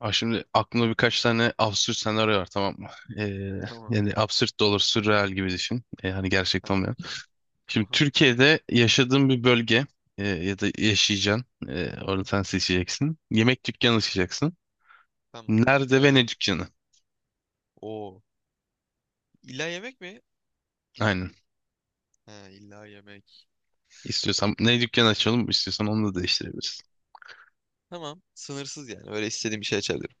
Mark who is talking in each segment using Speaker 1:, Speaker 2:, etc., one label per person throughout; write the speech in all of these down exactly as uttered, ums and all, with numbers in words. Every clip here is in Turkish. Speaker 1: Abi şimdi aklımda birkaç tane absürt senaryo var tamam mı? Ee,
Speaker 2: Tamam.
Speaker 1: Yani absürt de olur, sürreal gibi düşün. Ee, hani gerçekten
Speaker 2: Tamam,
Speaker 1: olmayan.
Speaker 2: okey.
Speaker 1: Şimdi
Speaker 2: Tamam.
Speaker 1: Türkiye'de yaşadığın bir bölge e, ya da yaşayacaksın. E, orada sen seçeceksin. Yemek dükkanı açacaksın.
Speaker 2: Tamam.
Speaker 1: Nerede ve ne
Speaker 2: Severim.
Speaker 1: dükkanı?
Speaker 2: Oo. İlla yemek mi?
Speaker 1: Aynen.
Speaker 2: He, illa yemek.
Speaker 1: İstiyorsan ne dükkanı açalım, istiyorsan onu da değiştirebiliriz.
Speaker 2: Tamam. Sınırsız yani. Böyle istediğim bir şey açabilirim.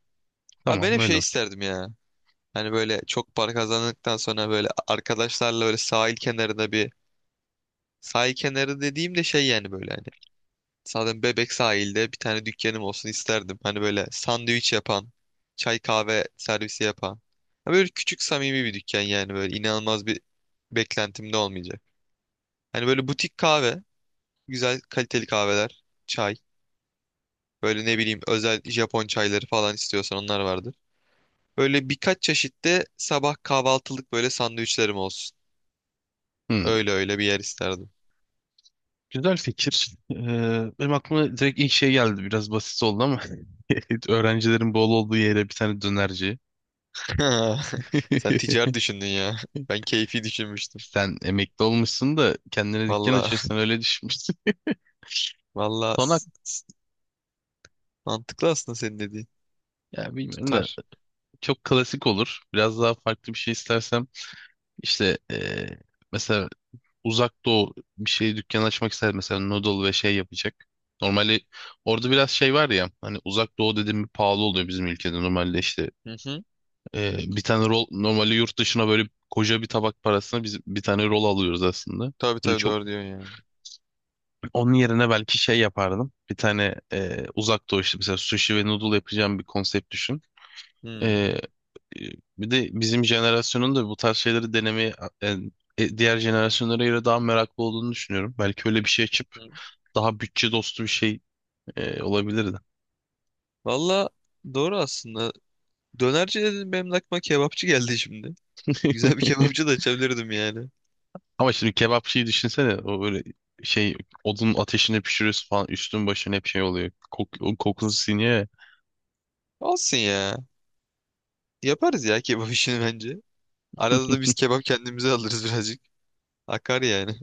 Speaker 2: Abi, ben
Speaker 1: Tamam,
Speaker 2: hep
Speaker 1: öyle
Speaker 2: şey
Speaker 1: olsun.
Speaker 2: isterdim ya. Hani böyle çok para kazandıktan sonra böyle arkadaşlarla böyle sahil kenarında bir sahil kenarı dediğim de şey, yani böyle hani. Zaten Bebek sahilde bir tane dükkanım olsun isterdim. Hani böyle sandviç yapan, çay kahve servisi yapan. Ha, böyle küçük samimi bir dükkan, yani böyle inanılmaz bir beklentim de olmayacak. Hani böyle butik kahve. Güzel kaliteli kahveler, çay. Böyle ne bileyim özel Japon çayları falan, istiyorsan onlar vardır. Böyle birkaç çeşitte sabah kahvaltılık böyle sandviçlerim olsun.
Speaker 1: Hmm,
Speaker 2: Öyle öyle bir yer isterdim.
Speaker 1: Güzel fikir. Ee, benim aklıma direkt ilk şey geldi. Biraz basit oldu ama öğrencilerin bol olduğu yere bir tane dönerci.
Speaker 2: Sen ticari düşündün ya. Ben keyfi düşünmüştüm.
Speaker 1: Sen emekli olmuşsun da kendine dükkan
Speaker 2: Valla
Speaker 1: açıyorsun öyle düşünmüşsün.
Speaker 2: valla
Speaker 1: Konak
Speaker 2: s- s- mantıklı aslında senin dediğin.
Speaker 1: ya bilmiyorum da
Speaker 2: Tutar.
Speaker 1: çok klasik olur. Biraz daha farklı bir şey istersem işte eee, mesela uzak doğu bir şey dükkan açmak ister mesela noodle ve şey yapacak. Normalde orada biraz şey var ya hani uzak doğu dediğim bir pahalı oluyor bizim ülkede normalde işte
Speaker 2: Hı hı.
Speaker 1: eee, bir tane rol normalde yurt dışına böyle koca bir tabak parasına biz bir tane rol alıyoruz aslında.
Speaker 2: Tabii
Speaker 1: Böyle
Speaker 2: tabii
Speaker 1: çok
Speaker 2: doğru diyorsun ya.
Speaker 1: onun yerine belki şey yapardım. Bir tane e, uzak doğu işte mesela sushi ve noodle yapacağım bir konsept düşün. E,
Speaker 2: Hmm.
Speaker 1: e, bir de bizim jenerasyonun da bu tarz şeyleri denemeye e, e, diğer jenerasyonlara göre daha meraklı olduğunu düşünüyorum. Belki öyle bir şey açıp
Speaker 2: Hı.
Speaker 1: daha bütçe dostu bir şey e, olabilirdi.
Speaker 2: Valla doğru aslında. Dönerci dedim, benim aklıma kebapçı geldi şimdi. Güzel bir kebapçı da açabilirdim yani.
Speaker 1: Ama şimdi kebapçıyı düşünsene o böyle şey odun ateşinde pişiriyorsun falan üstün başın hep şey oluyor. Kok, o kokusu siniyor
Speaker 2: Olsun ya. Yaparız ya kebap işini bence.
Speaker 1: ya.
Speaker 2: Arada da biz kebap kendimize alırız birazcık. Akar yani.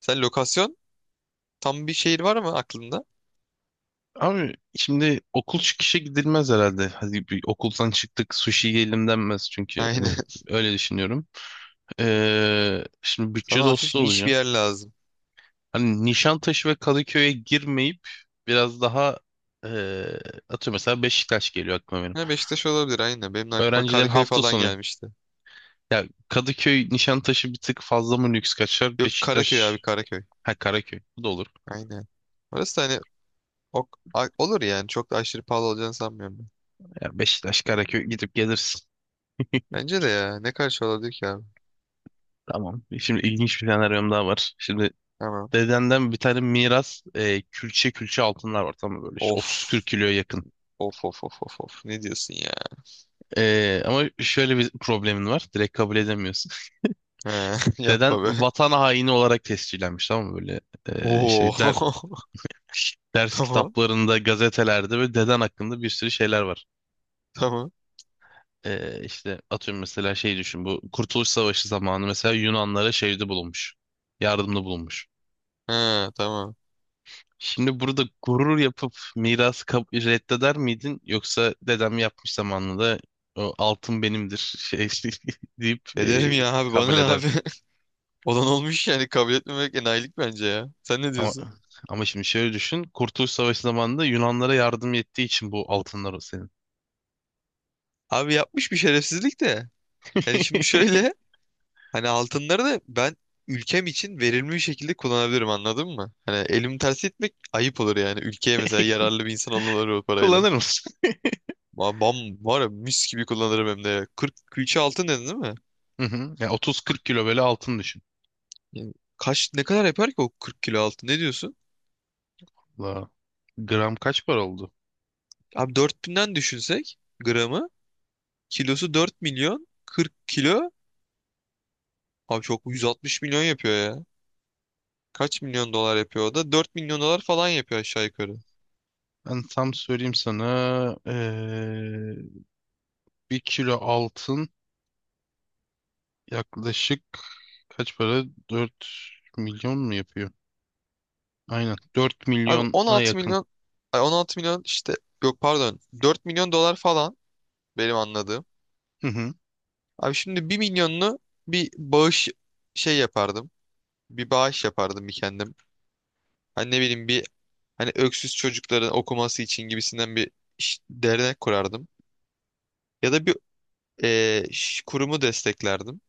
Speaker 2: Sen lokasyon tam bir şehir var mı aklında?
Speaker 1: Abi şimdi okul çıkışı gidilmez herhalde. Hadi bir okuldan çıktık sushi yiyelim denmez çünkü
Speaker 2: Aynen.
Speaker 1: hani öyle düşünüyorum. Ee, şimdi bütçe
Speaker 2: Sana hafif
Speaker 1: dostu
Speaker 2: niş bir
Speaker 1: olacağım.
Speaker 2: yer lazım.
Speaker 1: Hani Nişantaşı ve Kadıköy'e girmeyip biraz daha ee, atıyorum mesela Beşiktaş geliyor aklıma benim.
Speaker 2: Ha, Beşiktaş olabilir, aynen. Benim de aklıma
Speaker 1: Öğrencilerin
Speaker 2: Karaköy
Speaker 1: hafta
Speaker 2: falan
Speaker 1: sonu.
Speaker 2: gelmişti.
Speaker 1: Ya Kadıköy Nişantaşı bir tık fazla mı lüks kaçar?
Speaker 2: Yok, Karaköy abi,
Speaker 1: Beşiktaş.
Speaker 2: Karaköy.
Speaker 1: Ha, Karaköy. Bu da olur.
Speaker 2: Aynen. Orası da hani ok, a- olur yani. Çok da aşırı pahalı olacağını sanmıyorum ben.
Speaker 1: Ya Beşiktaş Karaköy gidip gelirsin.
Speaker 2: Bence de ya. Ne karşı olabilir ki abi?
Speaker 1: Tamam. Şimdi ilginç bir senaryom daha var. Şimdi
Speaker 2: Tamam.
Speaker 1: dedemden bir tane miras e, külçe külçe altınlar var tamam mı, böyle işte otuz kırk
Speaker 2: Of.
Speaker 1: kiloya yakın.
Speaker 2: Of of of of of. Ne diyorsun ya?
Speaker 1: E, ama şöyle bir problemin var. Direkt kabul edemiyorsun.
Speaker 2: He,
Speaker 1: Deden
Speaker 2: yapma be.
Speaker 1: vatan haini olarak tescillenmiş tamam mı, böyle e,
Speaker 2: Oo.
Speaker 1: işte der- ders
Speaker 2: Tamam.
Speaker 1: kitaplarında, gazetelerde böyle deden hakkında bir sürü şeyler var.
Speaker 2: Tamam.
Speaker 1: E, işte atıyorum mesela şey düşün, bu Kurtuluş Savaşı zamanı mesela Yunanlara şeyde bulunmuş. Yardımda bulunmuş.
Speaker 2: He, tamam.
Speaker 1: Şimdi burada gurur yapıp mirası kab- reddeder miydin? Yoksa dedem yapmış zamanında o altın benimdir şey deyip
Speaker 2: Ederim
Speaker 1: e,
Speaker 2: ya abi, bana
Speaker 1: kabul
Speaker 2: ne
Speaker 1: eder.
Speaker 2: abi? Olan olmuş yani, kabul etmemek enayilik bence ya. Sen ne
Speaker 1: Ama,
Speaker 2: diyorsun?
Speaker 1: ama şimdi şöyle düşün. Kurtuluş Savaşı zamanında Yunanlara yardım ettiği için bu altınlar o senin.
Speaker 2: Abi, yapmış bir şerefsizlik de. Yani şimdi şöyle, hani altınları da ben ülkem için verimli bir şekilde kullanabilirim, anladın mı? Hani elimi tersi etmek ayıp olur yani. Ülkeye mesela yararlı bir insan olurlar o parayla.
Speaker 1: Kullanır mısın?
Speaker 2: Ba- Bam var ya, mis gibi kullanırım hem de. Ya. kırk külçe altın dedin değil mi?
Speaker 1: Hı hı. Ya
Speaker 2: kırk,
Speaker 1: otuz kırk kilo böyle altın düşün.
Speaker 2: yani kaç ne kadar yapar ki o kırk kilo altın ne diyorsun?
Speaker 1: La, gram kaç para oldu?
Speaker 2: Abi dört binden düşünsek gramı, kilosu dört milyon, kırk kilo, abi çok, yüz altmış milyon yapıyor ya. Kaç milyon dolar yapıyor o da? dört milyon dolar falan yapıyor aşağı yukarı.
Speaker 1: Ben tam söyleyeyim sana. Ee, bir kilo altın yaklaşık kaç para? Dört milyon mu yapıyor? Aynen. dört
Speaker 2: Abi
Speaker 1: milyona
Speaker 2: on altı
Speaker 1: yakın.
Speaker 2: milyon, ay on altı milyon işte, yok pardon dört milyon dolar falan benim anladığım.
Speaker 1: Hı hı.
Speaker 2: Abi şimdi bir milyonunu bir bağış şey yapardım. Bir bağış yapardım bir kendim. Hani ne bileyim bir, hani öksüz çocukların okuması için gibisinden bir iş- dernek kurardım. Ya da bir eee, ş- kurumu desteklerdim.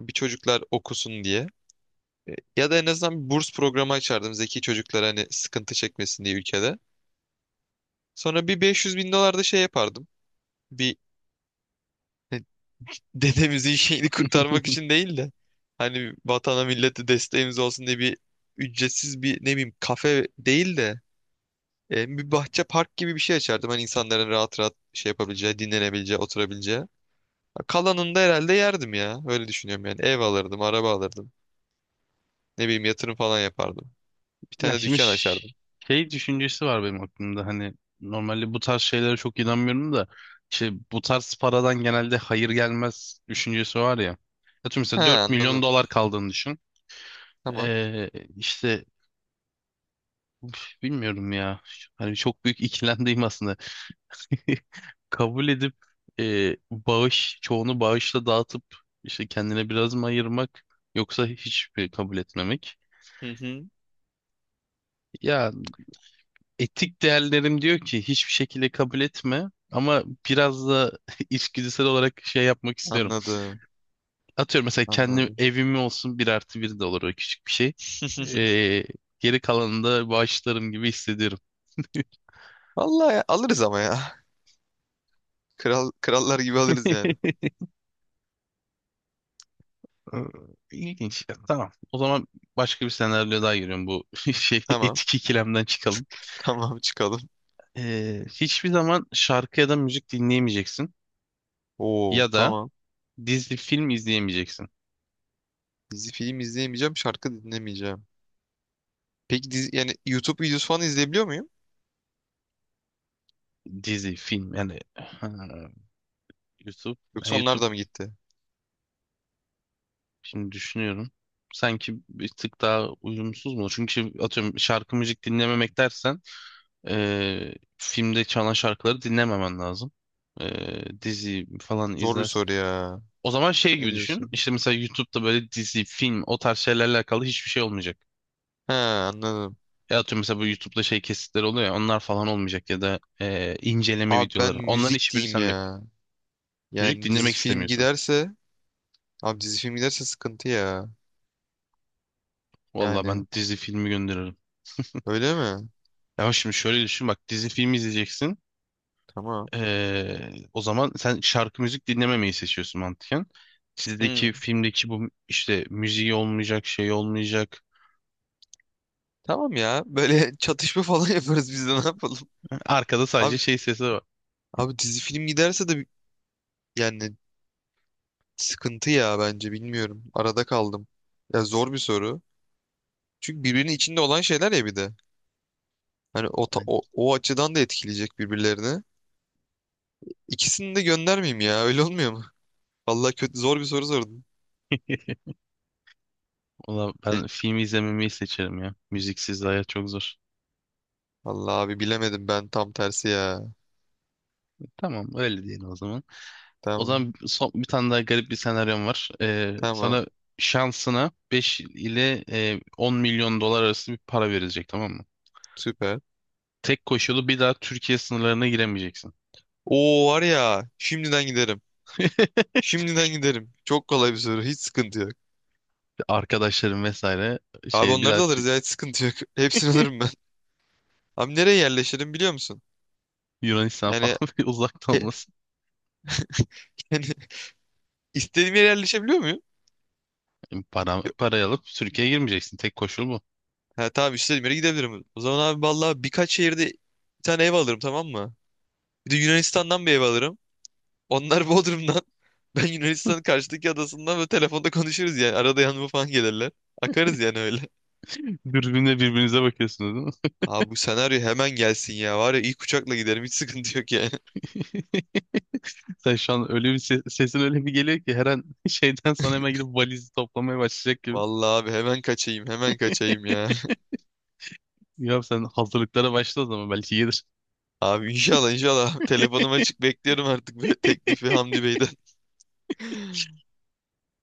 Speaker 2: Bir çocuklar okusun diye. E, ya da en azından bir burs programı açardım zeki çocuklara, hani sıkıntı çekmesin diye ülkede. Sonra bir beş yüz bin dolar da şey yapardım. Bir dedemizin şeyini kurtarmak için değil de hani vatana millete desteğimiz olsun diye bir ücretsiz bir ne bileyim kafe değil de e, bir bahçe park gibi bir şey açardım. Hani insanların rahat rahat şey yapabileceği, dinlenebileceği, oturabileceği. Kalanını da herhalde yerdim ya. Öyle düşünüyorum yani. Ev alırdım, araba alırdım. Ne bileyim yatırım falan yapardım. Bir
Speaker 1: Ya
Speaker 2: tane
Speaker 1: şimdi
Speaker 2: dükkan
Speaker 1: ş-
Speaker 2: açardım.
Speaker 1: şey düşüncesi var benim aklımda, hani normalde bu tarz şeylere çok inanmıyorum da işte bu tarz paradan genelde hayır gelmez düşüncesi var ya. Atıyorum
Speaker 2: Ha,
Speaker 1: mesela dört milyon
Speaker 2: anladım.
Speaker 1: dolar kaldığını düşün.
Speaker 2: Tamam.
Speaker 1: Ee, işte uf, bilmiyorum ya. Hani çok büyük ikilemdeyim aslında. Kabul edip e, bağış, çoğunu bağışla dağıtıp işte kendine biraz mı ayırmak, yoksa hiç mi kabul etmemek?
Speaker 2: Hı hı.
Speaker 1: Ya etik değerlerim diyor ki hiçbir şekilde kabul etme, ama biraz da içgüdüsel olarak şey yapmak istiyorum.
Speaker 2: Anladım.
Speaker 1: Atıyorum mesela kendi
Speaker 2: Anladım.
Speaker 1: evimi olsun, bir artı bir de olur o küçük bir şey. E, geri kalanını da bağışlarım gibi hissediyorum.
Speaker 2: Vallahi ya, alırız ama ya. Kral, krallar gibi alırız yani.
Speaker 1: Ee, İlginç. Tamam. O zaman başka bir senaryo daha giriyorum, bu şey
Speaker 2: Tamam.
Speaker 1: etik ikilemden çıkalım.
Speaker 2: Tamam çıkalım.
Speaker 1: Ee, hiçbir zaman şarkı ya da müzik dinleyemeyeceksin.
Speaker 2: Oo,
Speaker 1: Ya da
Speaker 2: tamam.
Speaker 1: dizi film izleyemeyeceksin.
Speaker 2: Dizi film izleyemeyeceğim, şarkı dinlemeyeceğim. Peki dizi, yani YouTube videosu falan izleyebiliyor muyum?
Speaker 1: Dizi film yani ha, YouTube. ha,
Speaker 2: Yoksa onlar
Speaker 1: YouTube
Speaker 2: da mı gitti?
Speaker 1: şimdi düşünüyorum. Sanki bir tık daha uyumsuz mu? Çünkü atıyorum şarkı müzik dinlememek dersen ee, filmde çalan şarkıları dinlememen lazım. Ee, dizi falan
Speaker 2: Zor bir
Speaker 1: izlersin.
Speaker 2: soru ya.
Speaker 1: O zaman şey
Speaker 2: Ne
Speaker 1: gibi düşün.
Speaker 2: diyorsun?
Speaker 1: İşte mesela YouTube'da böyle dizi, film, o tarz şeylerle alakalı hiçbir şey olmayacak.
Speaker 2: He, anladım.
Speaker 1: Ya atıyorum mesela bu YouTube'da şey, kesitler oluyor ya, onlar falan olmayacak ya da e, inceleme
Speaker 2: Abi ben
Speaker 1: videoları. Onların
Speaker 2: müzik
Speaker 1: hiçbiri
Speaker 2: diyeyim
Speaker 1: sende yok.
Speaker 2: ya.
Speaker 1: Müzik
Speaker 2: Yani dizi
Speaker 1: dinlemek
Speaker 2: film
Speaker 1: istemiyorsun.
Speaker 2: giderse, abi dizi film giderse sıkıntı ya.
Speaker 1: Vallahi
Speaker 2: Yani
Speaker 1: ben dizi filmi gönderirim.
Speaker 2: öyle mi?
Speaker 1: Ya şimdi şöyle düşün bak, dizi filmi izleyeceksin.
Speaker 2: Tamam.
Speaker 1: E, o zaman sen şarkı müzik dinlememeyi seçiyorsun mantıken.
Speaker 2: Hmm.
Speaker 1: Dizideki, filmdeki bu işte müziği olmayacak, şey olmayacak.
Speaker 2: Tamam ya. Böyle çatışma falan yaparız biz de, ne yapalım?
Speaker 1: Arkada sadece
Speaker 2: Abi
Speaker 1: şey sesi var.
Speaker 2: Abi dizi film giderse de bi- yani sıkıntı ya, bence bilmiyorum. Arada kaldım. Ya zor bir soru. Çünkü birbirinin içinde olan şeyler ya bir de. Hani o, ta-
Speaker 1: Yani,
Speaker 2: o, o açıdan da etkileyecek birbirlerini. İkisini de göndermeyeyim ya, öyle olmuyor mu? Vallahi kötü, zor bir soru sordun.
Speaker 1: valla
Speaker 2: Şey,
Speaker 1: ben film izlememeyi seçerim ya. Müziksiz hayat çok zor.
Speaker 2: vallahi abi bilemedim, ben tam tersi ya.
Speaker 1: Tamam, öyle diyelim o zaman. O
Speaker 2: Tamam,
Speaker 1: zaman son, bir tane daha garip bir senaryom var. Ee,
Speaker 2: tamam,
Speaker 1: sana şansına beş ile e, on milyon dolar arası bir para verilecek, tamam mı?
Speaker 2: süper.
Speaker 1: Tek koşulu, bir daha Türkiye sınırlarına giremeyeceksin.
Speaker 2: Oo var ya, şimdiden giderim. Şimdiden giderim. Çok kolay bir soru, hiç sıkıntı yok.
Speaker 1: Arkadaşların vesaire
Speaker 2: Abi
Speaker 1: şey, bir
Speaker 2: onları
Speaker 1: daha
Speaker 2: da
Speaker 1: Tü-
Speaker 2: alırız ya, hiç sıkıntı yok. Hepsini alırım ben. Abi nereye yerleşirim biliyor musun?
Speaker 1: Yunanistan
Speaker 2: Yani
Speaker 1: falan uzakta
Speaker 2: he-
Speaker 1: olmasın.
Speaker 2: yani istediğim yere yerleşebiliyor muyum?
Speaker 1: Para, parayı alıp Türkiye'ye girmeyeceksin. Tek koşul bu.
Speaker 2: Ha tamam, istediğim yere gidebilirim. O zaman abi vallahi birkaç şehirde bir tane ev alırım, tamam mı? Bir de Yunanistan'dan bir ev alırım. Onlar Bodrum'dan. Ben Yunanistan'ın karşıdaki adasından, böyle telefonda konuşuruz yani. Arada yanıma falan gelirler. Akarız yani öyle.
Speaker 1: Dürbünle birbirinize bakıyorsunuz değil mi?
Speaker 2: Abi bu senaryo hemen gelsin ya. Var ya, ilk uçakla giderim, hiç sıkıntı yok yani.
Speaker 1: Sen şu an öyle bir ses, sesin öyle bir geliyor ki, her an şeyden sonra hemen gidip valizi toplamaya başlayacak gibi.
Speaker 2: Vallahi abi, hemen kaçayım hemen kaçayım ya.
Speaker 1: Ya sen hazırlıklara başla, o zaman belki gelir.
Speaker 2: Abi inşallah inşallah telefonum açık bekliyorum artık be, teklifi Hamdi Bey'den.